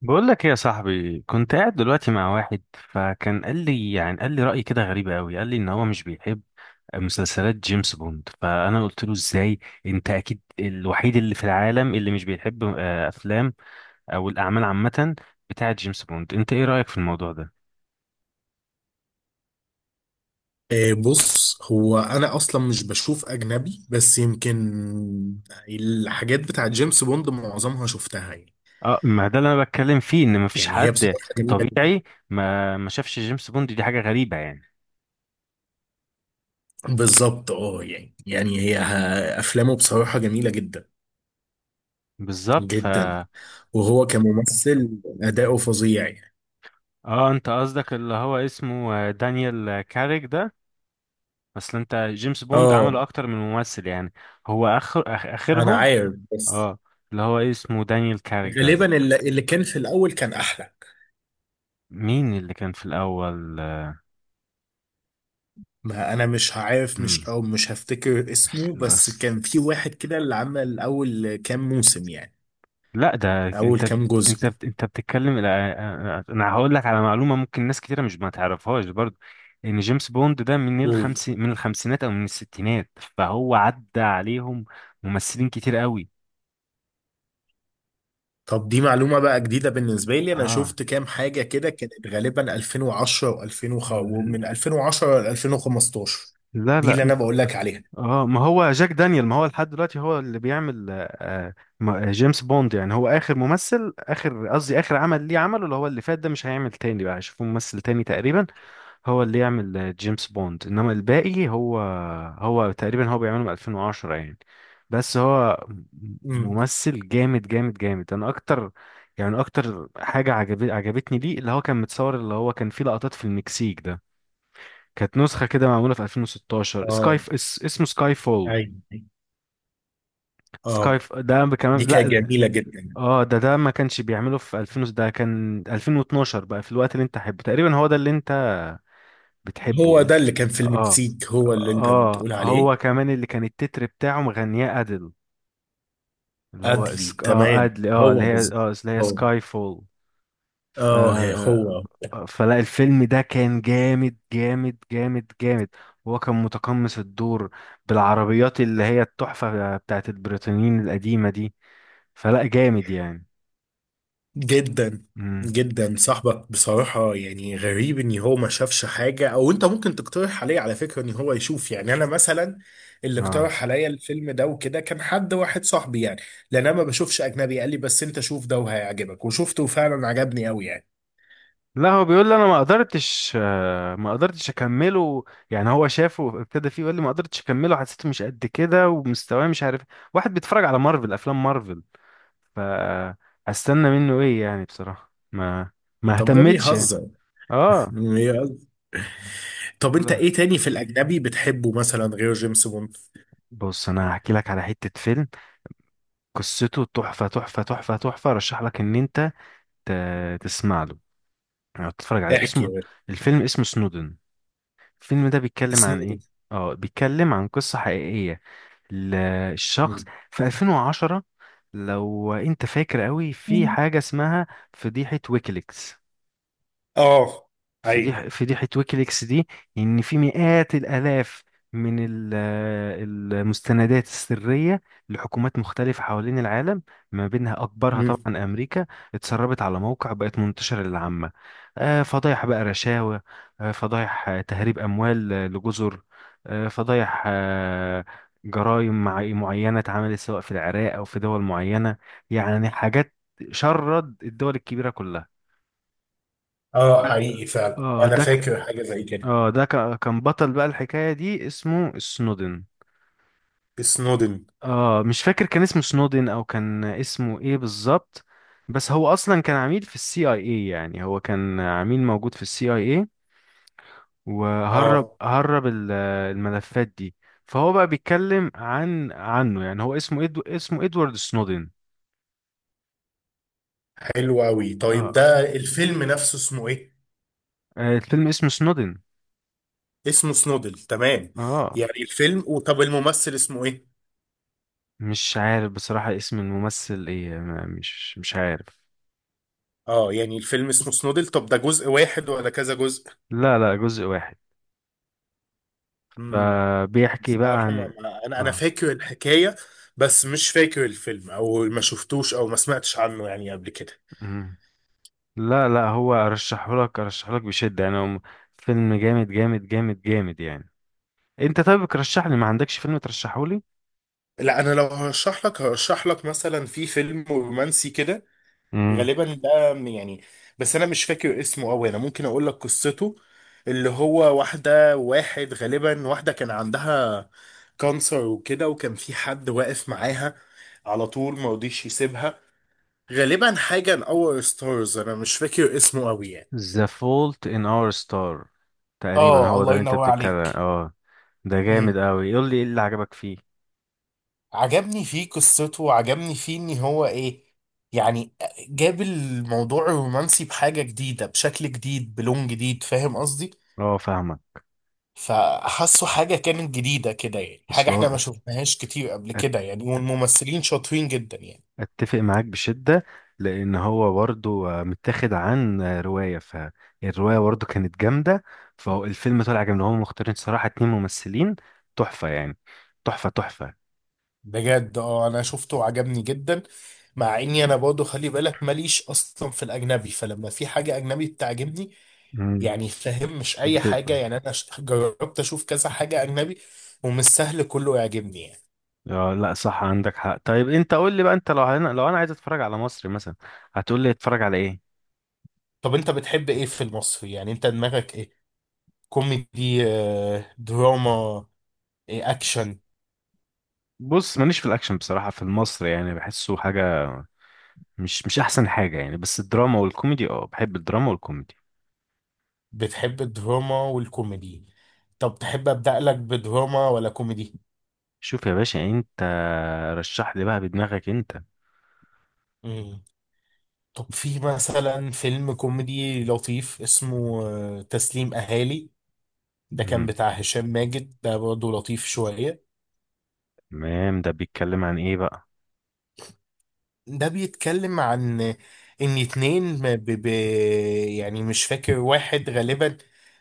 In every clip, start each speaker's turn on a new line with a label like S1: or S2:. S1: بقول لك ايه يا صاحبي؟ كنت قاعد دلوقتي مع واحد فكان قال لي رأي كده غريب قوي. قال لي ان هو مش بيحب مسلسلات جيمس بوند. فانا قلت له ازاي؟ انت اكيد الوحيد اللي في العالم اللي مش بيحب افلام او الاعمال عامة بتاعه جيمس بوند. انت ايه رأيك في الموضوع ده؟
S2: بص هو انا اصلا مش بشوف اجنبي، بس يمكن الحاجات بتاعت جيمس بوند معظمها شفتها يعني
S1: اه، ما ده اللي انا بتكلم فيه، ان مفيش
S2: يعني هي
S1: حد
S2: بصراحة جميلة جدا.
S1: طبيعي ما شافش جيمس بوند. دي حاجة غريبة يعني.
S2: بالظبط، يعني افلامه بصراحة جميلة جدا
S1: بالظبط.
S2: جدا، وهو كممثل اداؤه فظيع يعني.
S1: اه، انت قصدك اللي هو اسمه دانيال كاريك ده. اصل انت جيمس بوند عمله
S2: اه
S1: اكتر من ممثل يعني. هو اخر
S2: انا
S1: اخرهم.
S2: عارف، بس
S1: اه، اللي هو إيه اسمه دانيال كاريك
S2: غالبا
S1: ده.
S2: اللي كان في الاول كان احلى.
S1: مين اللي كان في الاول؟
S2: ما انا مش عارف،
S1: امم
S2: مش هفتكر اسمه، بس
S1: أصل...
S2: كان في واحد كده اللي عمل اول كام موسم يعني،
S1: لا ده
S2: اول كام جزء.
S1: انت بتتكلم. لا، انا هقول لك على معلومه ممكن ناس كتيره مش ما تعرفهاش برضه، ان جيمس بوند ده من
S2: قول.
S1: الخمسينات او من الستينات، فهو عدى عليهم ممثلين كتير قوي.
S2: طب دي معلومة بقى جديدة بالنسبة لي. انا
S1: اه.
S2: شفت كام حاجة كده كانت غالبا 2010 و2000، ومن 2010 ل 2015،
S1: لا،
S2: دي اللي
S1: لا.
S2: انا بقول لك عليها.
S1: اه، ما هو جاك دانيال، ما هو لحد دلوقتي هو اللي بيعمل آه، جيمس بوند. يعني هو اخر قصدي اخر عمل ليه، عمله اللي هو اللي فات ده، مش هيعمل تاني بقى، هيشوفوا ممثل تاني تقريبا هو اللي يعمل جيمس بوند. انما الباقي هو، هو تقريبا بيعمله من 2010 يعني. بس هو م-
S2: امم.
S1: ممثل جامد جامد جامد. انا اكتر يعني اكتر حاجة عجبتني ليه، اللي هو كان فيه لقطات في المكسيك ده. كانت نسخة كده معمولة في 2016،
S2: اه،
S1: اسمه سكاي فول.
S2: ايوه، أيوة. اه،
S1: ده كمان،
S2: دي كانت
S1: لا.
S2: جميلة جدا.
S1: اه، ده ما كانش بيعمله في 2000 ده كان 2012 بقى. في الوقت اللي انت حبه تقريبا هو ده اللي انت بتحبه
S2: هو ده
S1: ال-
S2: اللي كان في
S1: اه.
S2: المكسيك، هو اللي انت
S1: اه،
S2: بتقول
S1: هو
S2: عليه.
S1: كمان اللي كان التتر بتاعه مغنياه ادل، اللي هو
S2: ادلي،
S1: سك... اه
S2: تمام.
S1: ادل، اه،
S2: هو بالظبط.
S1: اللي هي
S2: هو.
S1: سكاي فول. ف
S2: هو
S1: فلا الفيلم ده كان جامد جامد جامد جامد. هو كان متقمص الدور بالعربيات اللي هي التحفة بتاعت البريطانيين القديمة دي. فلا جامد يعني.
S2: جدا جدا. صاحبك بصراحة يعني غريب ان هو ما شافش حاجة، او انت ممكن تقترح عليه على فكرة ان هو يشوف. يعني انا مثلا اللي
S1: اه،
S2: اقترح عليا الفيلم ده وكده كان حد واحد صاحبي يعني، لان انا ما بشوفش اجنبي. قال لي بس انت شوف ده وهيعجبك، وشفته وفعلا عجبني قوي يعني.
S1: لا، هو بيقول لي انا ما قدرتش، ما قدرتش اكمله يعني هو شافه، ابتدى فيه يقول لي ما قدرتش اكمله، حسيته مش قد كده ومستواه، مش عارف. واحد بيتفرج على افلام مارفل، ف هستنى منه ايه يعني؟ بصراحة ما
S2: طب ده
S1: اهتمتش يعني.
S2: بيهزر؟
S1: اه.
S2: بيهزر. طب انت
S1: لا،
S2: ايه تاني في الاجنبي بتحبه مثلا غير جيمس بوند؟
S1: بص انا هحكي لك على حتة فيلم قصته تحفة تحفة تحفة تحفة. رشح لك ان انت تسمع له يعني تتفرج عليه.
S2: احكي يا
S1: اسمه
S2: باشا.
S1: الفيلم اسمه سنودن. الفيلم ده بيتكلم عن
S2: سنودن؟
S1: ايه؟ اه، بيتكلم عن قصة حقيقية. ال- الشخص في 2010، لو انت فاكر قوي، في حاجة اسمها فضيحة ويكيليكس.
S2: اه، حقيقي.
S1: فضيحة ويكيليكس دي، إن في مئات الآلاف من المستندات السرية لحكومات مختلفة حوالين العالم، ما بينها أكبرها
S2: مم.
S1: طبعا أمريكا، اتسربت على موقع، بقت منتشرة للعامة. فضايح بقى، رشاوى، فضايح تهريب أموال، لجزر، فضايح، جرائم معينة اتعملت سواء في العراق أو في دول معينة. يعني حاجات شرد الدول الكبيرة كلها.
S2: اه، حقيقي فعلا،
S1: اه،
S2: انا فاكر حاجة زي كده.
S1: ده كان بطل بقى الحكاية دي اسمه سنودن.
S2: سنودن.
S1: اه، مش فاكر كان اسمه سنودن او كان اسمه ايه بالظبط. بس هو اصلا كان عميل في السي اي اي، يعني هو كان عميل موجود في السي اي اي وهرب،
S2: اه،
S1: الملفات دي. فهو بقى بيتكلم عنه. يعني هو اسمه إدو اسمه ادوارد سنودن.
S2: حلو قوي. طيب
S1: اه.
S2: ده الفيلم نفسه اسمه ايه؟
S1: الفيلم اسمه سنودن.
S2: اسمه سنودل، تمام.
S1: اه،
S2: يعني الفيلم. وطب الممثل اسمه ايه؟
S1: مش عارف بصراحة اسم الممثل ايه، مش عارف.
S2: اه، يعني الفيلم اسمه سنودل. طب ده جزء واحد ولا كذا جزء؟
S1: لا، لا، جزء واحد.
S2: امم.
S1: فبيحكي بقى
S2: بصراحة، ما
S1: عن،
S2: ما- انا انا
S1: اه.
S2: فاكر الحكاية، بس مش فاكر الفيلم، او ما شفتوش او ما سمعتش عنه يعني قبل كده.
S1: مم. لا، لا، هو ارشحهولك، بشدة يعني. هو فيلم جامد جامد جامد جامد يعني. انت طيب ترشح لي، ما عندكش فيلم ترشحهولي؟
S2: لا، انا لو هرشح لك، هرشح لك مثلا في فيلم رومانسي كده،
S1: امم
S2: غالبا يعني، بس انا مش فاكر اسمه قوي. انا ممكن اقول لك قصته. اللي هو واحده، واحد غالبا، واحده كان عندها كانسر وكده، وكان في حد واقف معاها على طول، ما رضيش يسيبها. غالبا حاجه ان اور ستارز، انا مش فاكر اسمه قوي يعني.
S1: The Fault in Our Star، تقريبا
S2: اه،
S1: هو ده
S2: الله
S1: اللي انت
S2: ينور
S1: بتتكلم.
S2: عليك.
S1: اه، ده
S2: امم.
S1: جامد قوي. قول لي ايه اللي عجبك فيه؟
S2: عجبني فيه قصته، وعجبني فيه ان هو، ايه يعني، جاب الموضوع الرومانسي بحاجه جديده، بشكل جديد، بلون جديد، فاهم قصدي؟
S1: اه، فاهمك.
S2: فحسوا حاجة كانت جديدة كده يعني، حاجة
S1: اصل
S2: احنا
S1: هو،
S2: ما شفناهاش كتير قبل كده يعني، والممثلين شاطرين جدا يعني.
S1: اتفق معاك بشدة. لان هو برضو متاخد عن رواية، فالرواية برضو كانت جامدة، فالفيلم طلع جامد. هم مختارين صراحة اتنين ممثلين تحفة يعني. تحفة تحفة.
S2: بجد اه، انا شفته وعجبني جدا. مع اني انا برضه، خلي بالك، ماليش اصلا في الاجنبي، فلما في حاجة اجنبي بتعجبني،
S1: مم.
S2: يعني فاهم، مش اي حاجة
S1: بتبقى
S2: يعني. انا جربت اشوف كذا حاجة اجنبي ومش سهل كله يعجبني يعني.
S1: آه، لا صح، عندك حق. طيب انت قول لي بقى، انت لو انا عايز اتفرج على مصري مثلا، هتقول لي اتفرج على ايه؟
S2: طب انت بتحب ايه في المصري؟ يعني انت دماغك ايه؟ كوميدي؟ دراما؟ إيه، اكشن؟
S1: بص ماليش في الاكشن بصراحة في المصري، يعني بحسه حاجة مش احسن حاجة يعني. بس الدراما والكوميدي، اه، بحب الدراما والكوميدي.
S2: بتحب الدراما والكوميدي. طب تحب أبدأ لك بدراما ولا كوميدي؟
S1: شوف يا باشا انت، رشح لي بقى بدماغك انت.
S2: مم. طب في مثلا فيلم كوميدي لطيف اسمه، تسليم أهالي. ده كان
S1: مم.
S2: بتاع هشام ماجد، ده برضه لطيف شوية.
S1: تمام، ده بيتكلم عن ايه بقى؟
S2: ده بيتكلم عن إن اتنين، يعني مش فاكر، واحد غالبا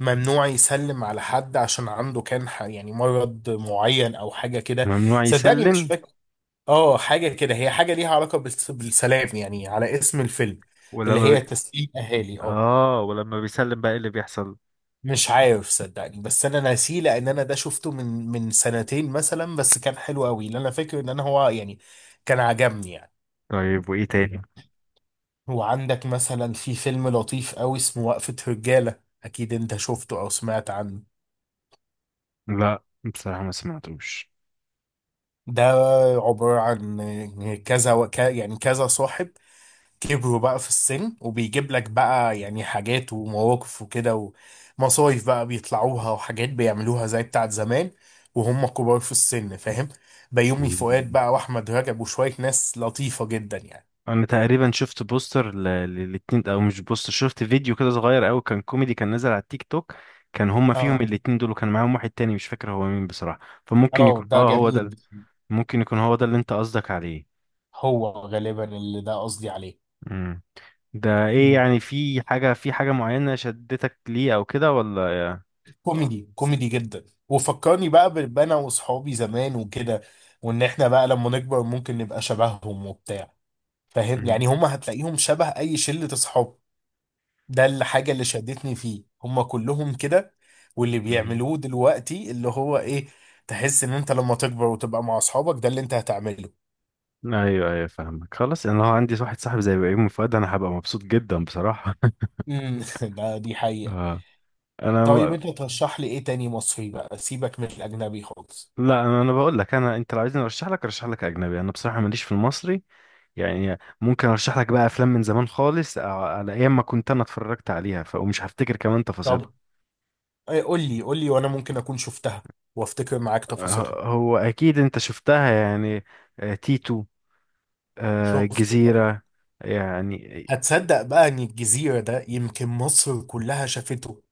S2: ممنوع يسلم على حد، عشان عنده كان، يعني مرض معين أو حاجة كده.
S1: ممنوع
S2: صدقني مش
S1: يسلم.
S2: فاكر. اه، حاجة كده، هي حاجة ليها علاقة بالسلام يعني، على اسم الفيلم، اللي
S1: ولما بي...
S2: هي تسليم أهالي، اه.
S1: اه، ولما بيسلم بقى ايه اللي بيحصل؟
S2: مش عارف، صدقني، بس انا ناسيه، لان انا ده شفته من سنتين مثلا، بس كان حلو قوي. اللي انا فاكر ان انا هو يعني كان عجبني يعني.
S1: طيب وايه تاني؟
S2: وعندك مثلا في فيلم لطيف قوي اسمه وقفة رجالة، اكيد انت شفته او سمعت عنه.
S1: لا بصراحة ما سمعتوش.
S2: ده عبارة عن كذا يعني كذا صاحب، كبروا بقى في السن، وبيجيب لك بقى يعني حاجات ومواقف وكده، ومصايف بقى بيطلعوها وحاجات بيعملوها زي بتاعت زمان، وهم كبار في السن، فاهم؟ بيومي فؤاد
S1: مم.
S2: بقى، واحمد رجب، وشوية ناس لطيفة جدا يعني.
S1: انا تقريبا شفت بوستر للاتنين، او مش بوستر، شفت فيديو كده صغير قوي كان كوميدي كان نازل على التيك توك. كان هما فيهم
S2: اه.
S1: الاتنين دول وكان معاهم واحد تاني مش فاكر هو مين بصراحة. فممكن
S2: اه،
S1: يكون،
S2: ده
S1: اه، هو ده
S2: جميل.
S1: ممكن يكون هو ده اللي انت قصدك عليه.
S2: هو غالبا اللي ده قصدي عليه.
S1: مم. ده ايه
S2: مم.
S1: يعني، في حاجة، معينة شدتك ليه او كده، ولا؟
S2: كوميدي، كوميدي جدا، وفكرني بقى بانا واصحابي زمان وكده، وان احنا بقى لما نكبر ممكن نبقى شبههم وبتاع، فاهم
S1: مم.
S2: يعني؟ هم هتلاقيهم شبه اي شلة اصحاب. ده الحاجة اللي شدتني فيه. هما كلهم كده، واللي
S1: مم.
S2: بيعملوه دلوقتي، اللي هو ايه، تحس ان انت لما تكبر وتبقى مع اصحابك ده اللي انت هتعمله.
S1: ايوه، ايوه، فاهمك. خلاص، انا لو عندي واحد صاحب زي بيومي فؤاد انا هبقى مبسوط جدا بصراحة.
S2: امم. ده دي حقيقة.
S1: اه. انا
S2: طيب
S1: م...
S2: انت ترشح لي ايه تاني مصري بقى، سيبك من الاجنبي خالص؟
S1: لا انا بقول لك انا، انت لو عايزني ارشح لك، ارشح لك اجنبي. انا بصراحة ماليش في المصري يعني. ممكن ارشح لك بقى افلام من زمان خالص، على ايام ما كنت انا اتفرجت عليها، ومش هفتكر كمان تفاصيلها.
S2: طب إيه، قول لي، قول لي، وانا ممكن اكون شفتها وافتكر معاك تفاصيلها.
S1: هو اكيد انت شفتها يعني. تيتو،
S2: شفته طبعا.
S1: الجزيرة. يعني
S2: هتصدق بقى ان الجزيرة ده يمكن مصر كلها شافته،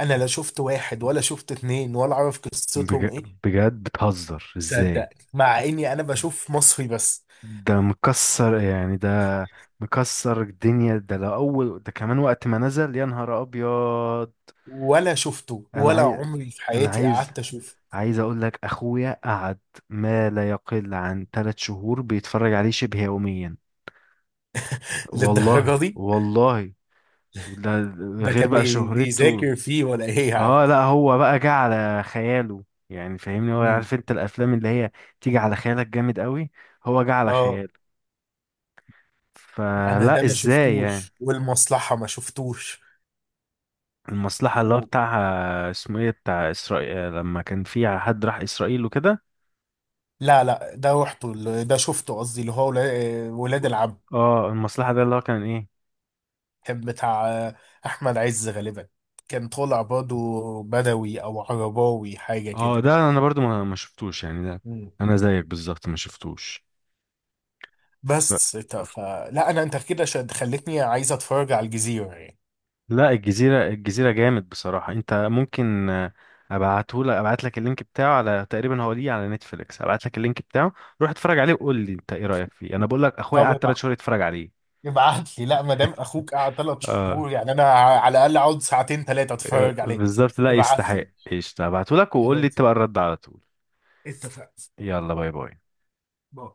S2: انا لا شفت واحد ولا شفت اتنين ولا اعرف
S1: بج...
S2: قصتهم ايه.
S1: بجد بتهزر
S2: صدق.
S1: ازاي؟
S2: مع اني انا بشوف مصري بس،
S1: ده مكسر يعني، ده مكسر الدنيا ده، لو اول ده كمان وقت ما نزل يا نهار ابيض.
S2: ولا شفته،
S1: انا
S2: ولا
S1: عايز
S2: عمري في
S1: انا
S2: حياتي
S1: عايز
S2: قعدت اشوفه.
S1: عايز اقول لك اخويا قعد ما لا يقل عن 3 شهور بيتفرج عليه شبه يوميا.
S2: للدرجه
S1: والله
S2: دي؟
S1: والله، ده
S2: ده
S1: غير
S2: كان
S1: بقى شهرته.
S2: بيذاكر فيه ولا ايه يا عم؟
S1: اه، لا، هو بقى جه على خياله يعني، فاهمني؟ هو
S2: مم.
S1: عارف انت الافلام اللي هي تيجي على خيالك جامد قوي، هو جه على
S2: اه،
S1: خياله.
S2: انا
S1: فلا
S2: ده ما
S1: ازاي
S2: شفتوش،
S1: يعني.
S2: والمصلحه ما شفتوش.
S1: المصلحة اللي هو
S2: و...
S1: بتاعها اسمه ايه، بتاع اسرائيل لما كان في حد راح اسرائيل وكده
S2: لا لا، ده رحته، ده شفته، قصدي اللي هو ولاد
S1: و-
S2: العم.
S1: اه، المصلحة ده اللي هو كان ايه.
S2: كان بتاع احمد عز غالبا، كان طالع برضه بدوي او عرباوي حاجه
S1: اه،
S2: كده.
S1: ده انا برضو ما شفتوش يعني. ده انا زيك بالظبط ما شفتوش. ف-
S2: بس فلا انا، انت كده خلتني عايز اتفرج على الجزيره يعني.
S1: لا، الجزيرة، الجزيرة جامد بصراحة. انت ممكن ابعت لك اللينك بتاعه، على تقريبا هو ليه على نتفليكس، ابعت لك اللينك بتاعه. روح اتفرج عليه وقول لي انت ايه رأيك فيه. انا بقول لك اخويا
S2: طب
S1: قعد 3 شهور يتفرج عليه.
S2: ابعت لي. لا ما دام اخوك قعد ثلاث
S1: آه،
S2: شهور يعني انا على الاقل اقعد ساعتين ثلاثه اتفرج عليه.
S1: بالظبط، لا
S2: ابعت
S1: يستحق.
S2: لي.
S1: ايش هبعتهولك وقول لي
S2: خلاص
S1: انت بقى
S2: يعني.
S1: الرد على طول.
S2: اتفقنا.
S1: يلا، باي باي.
S2: باي.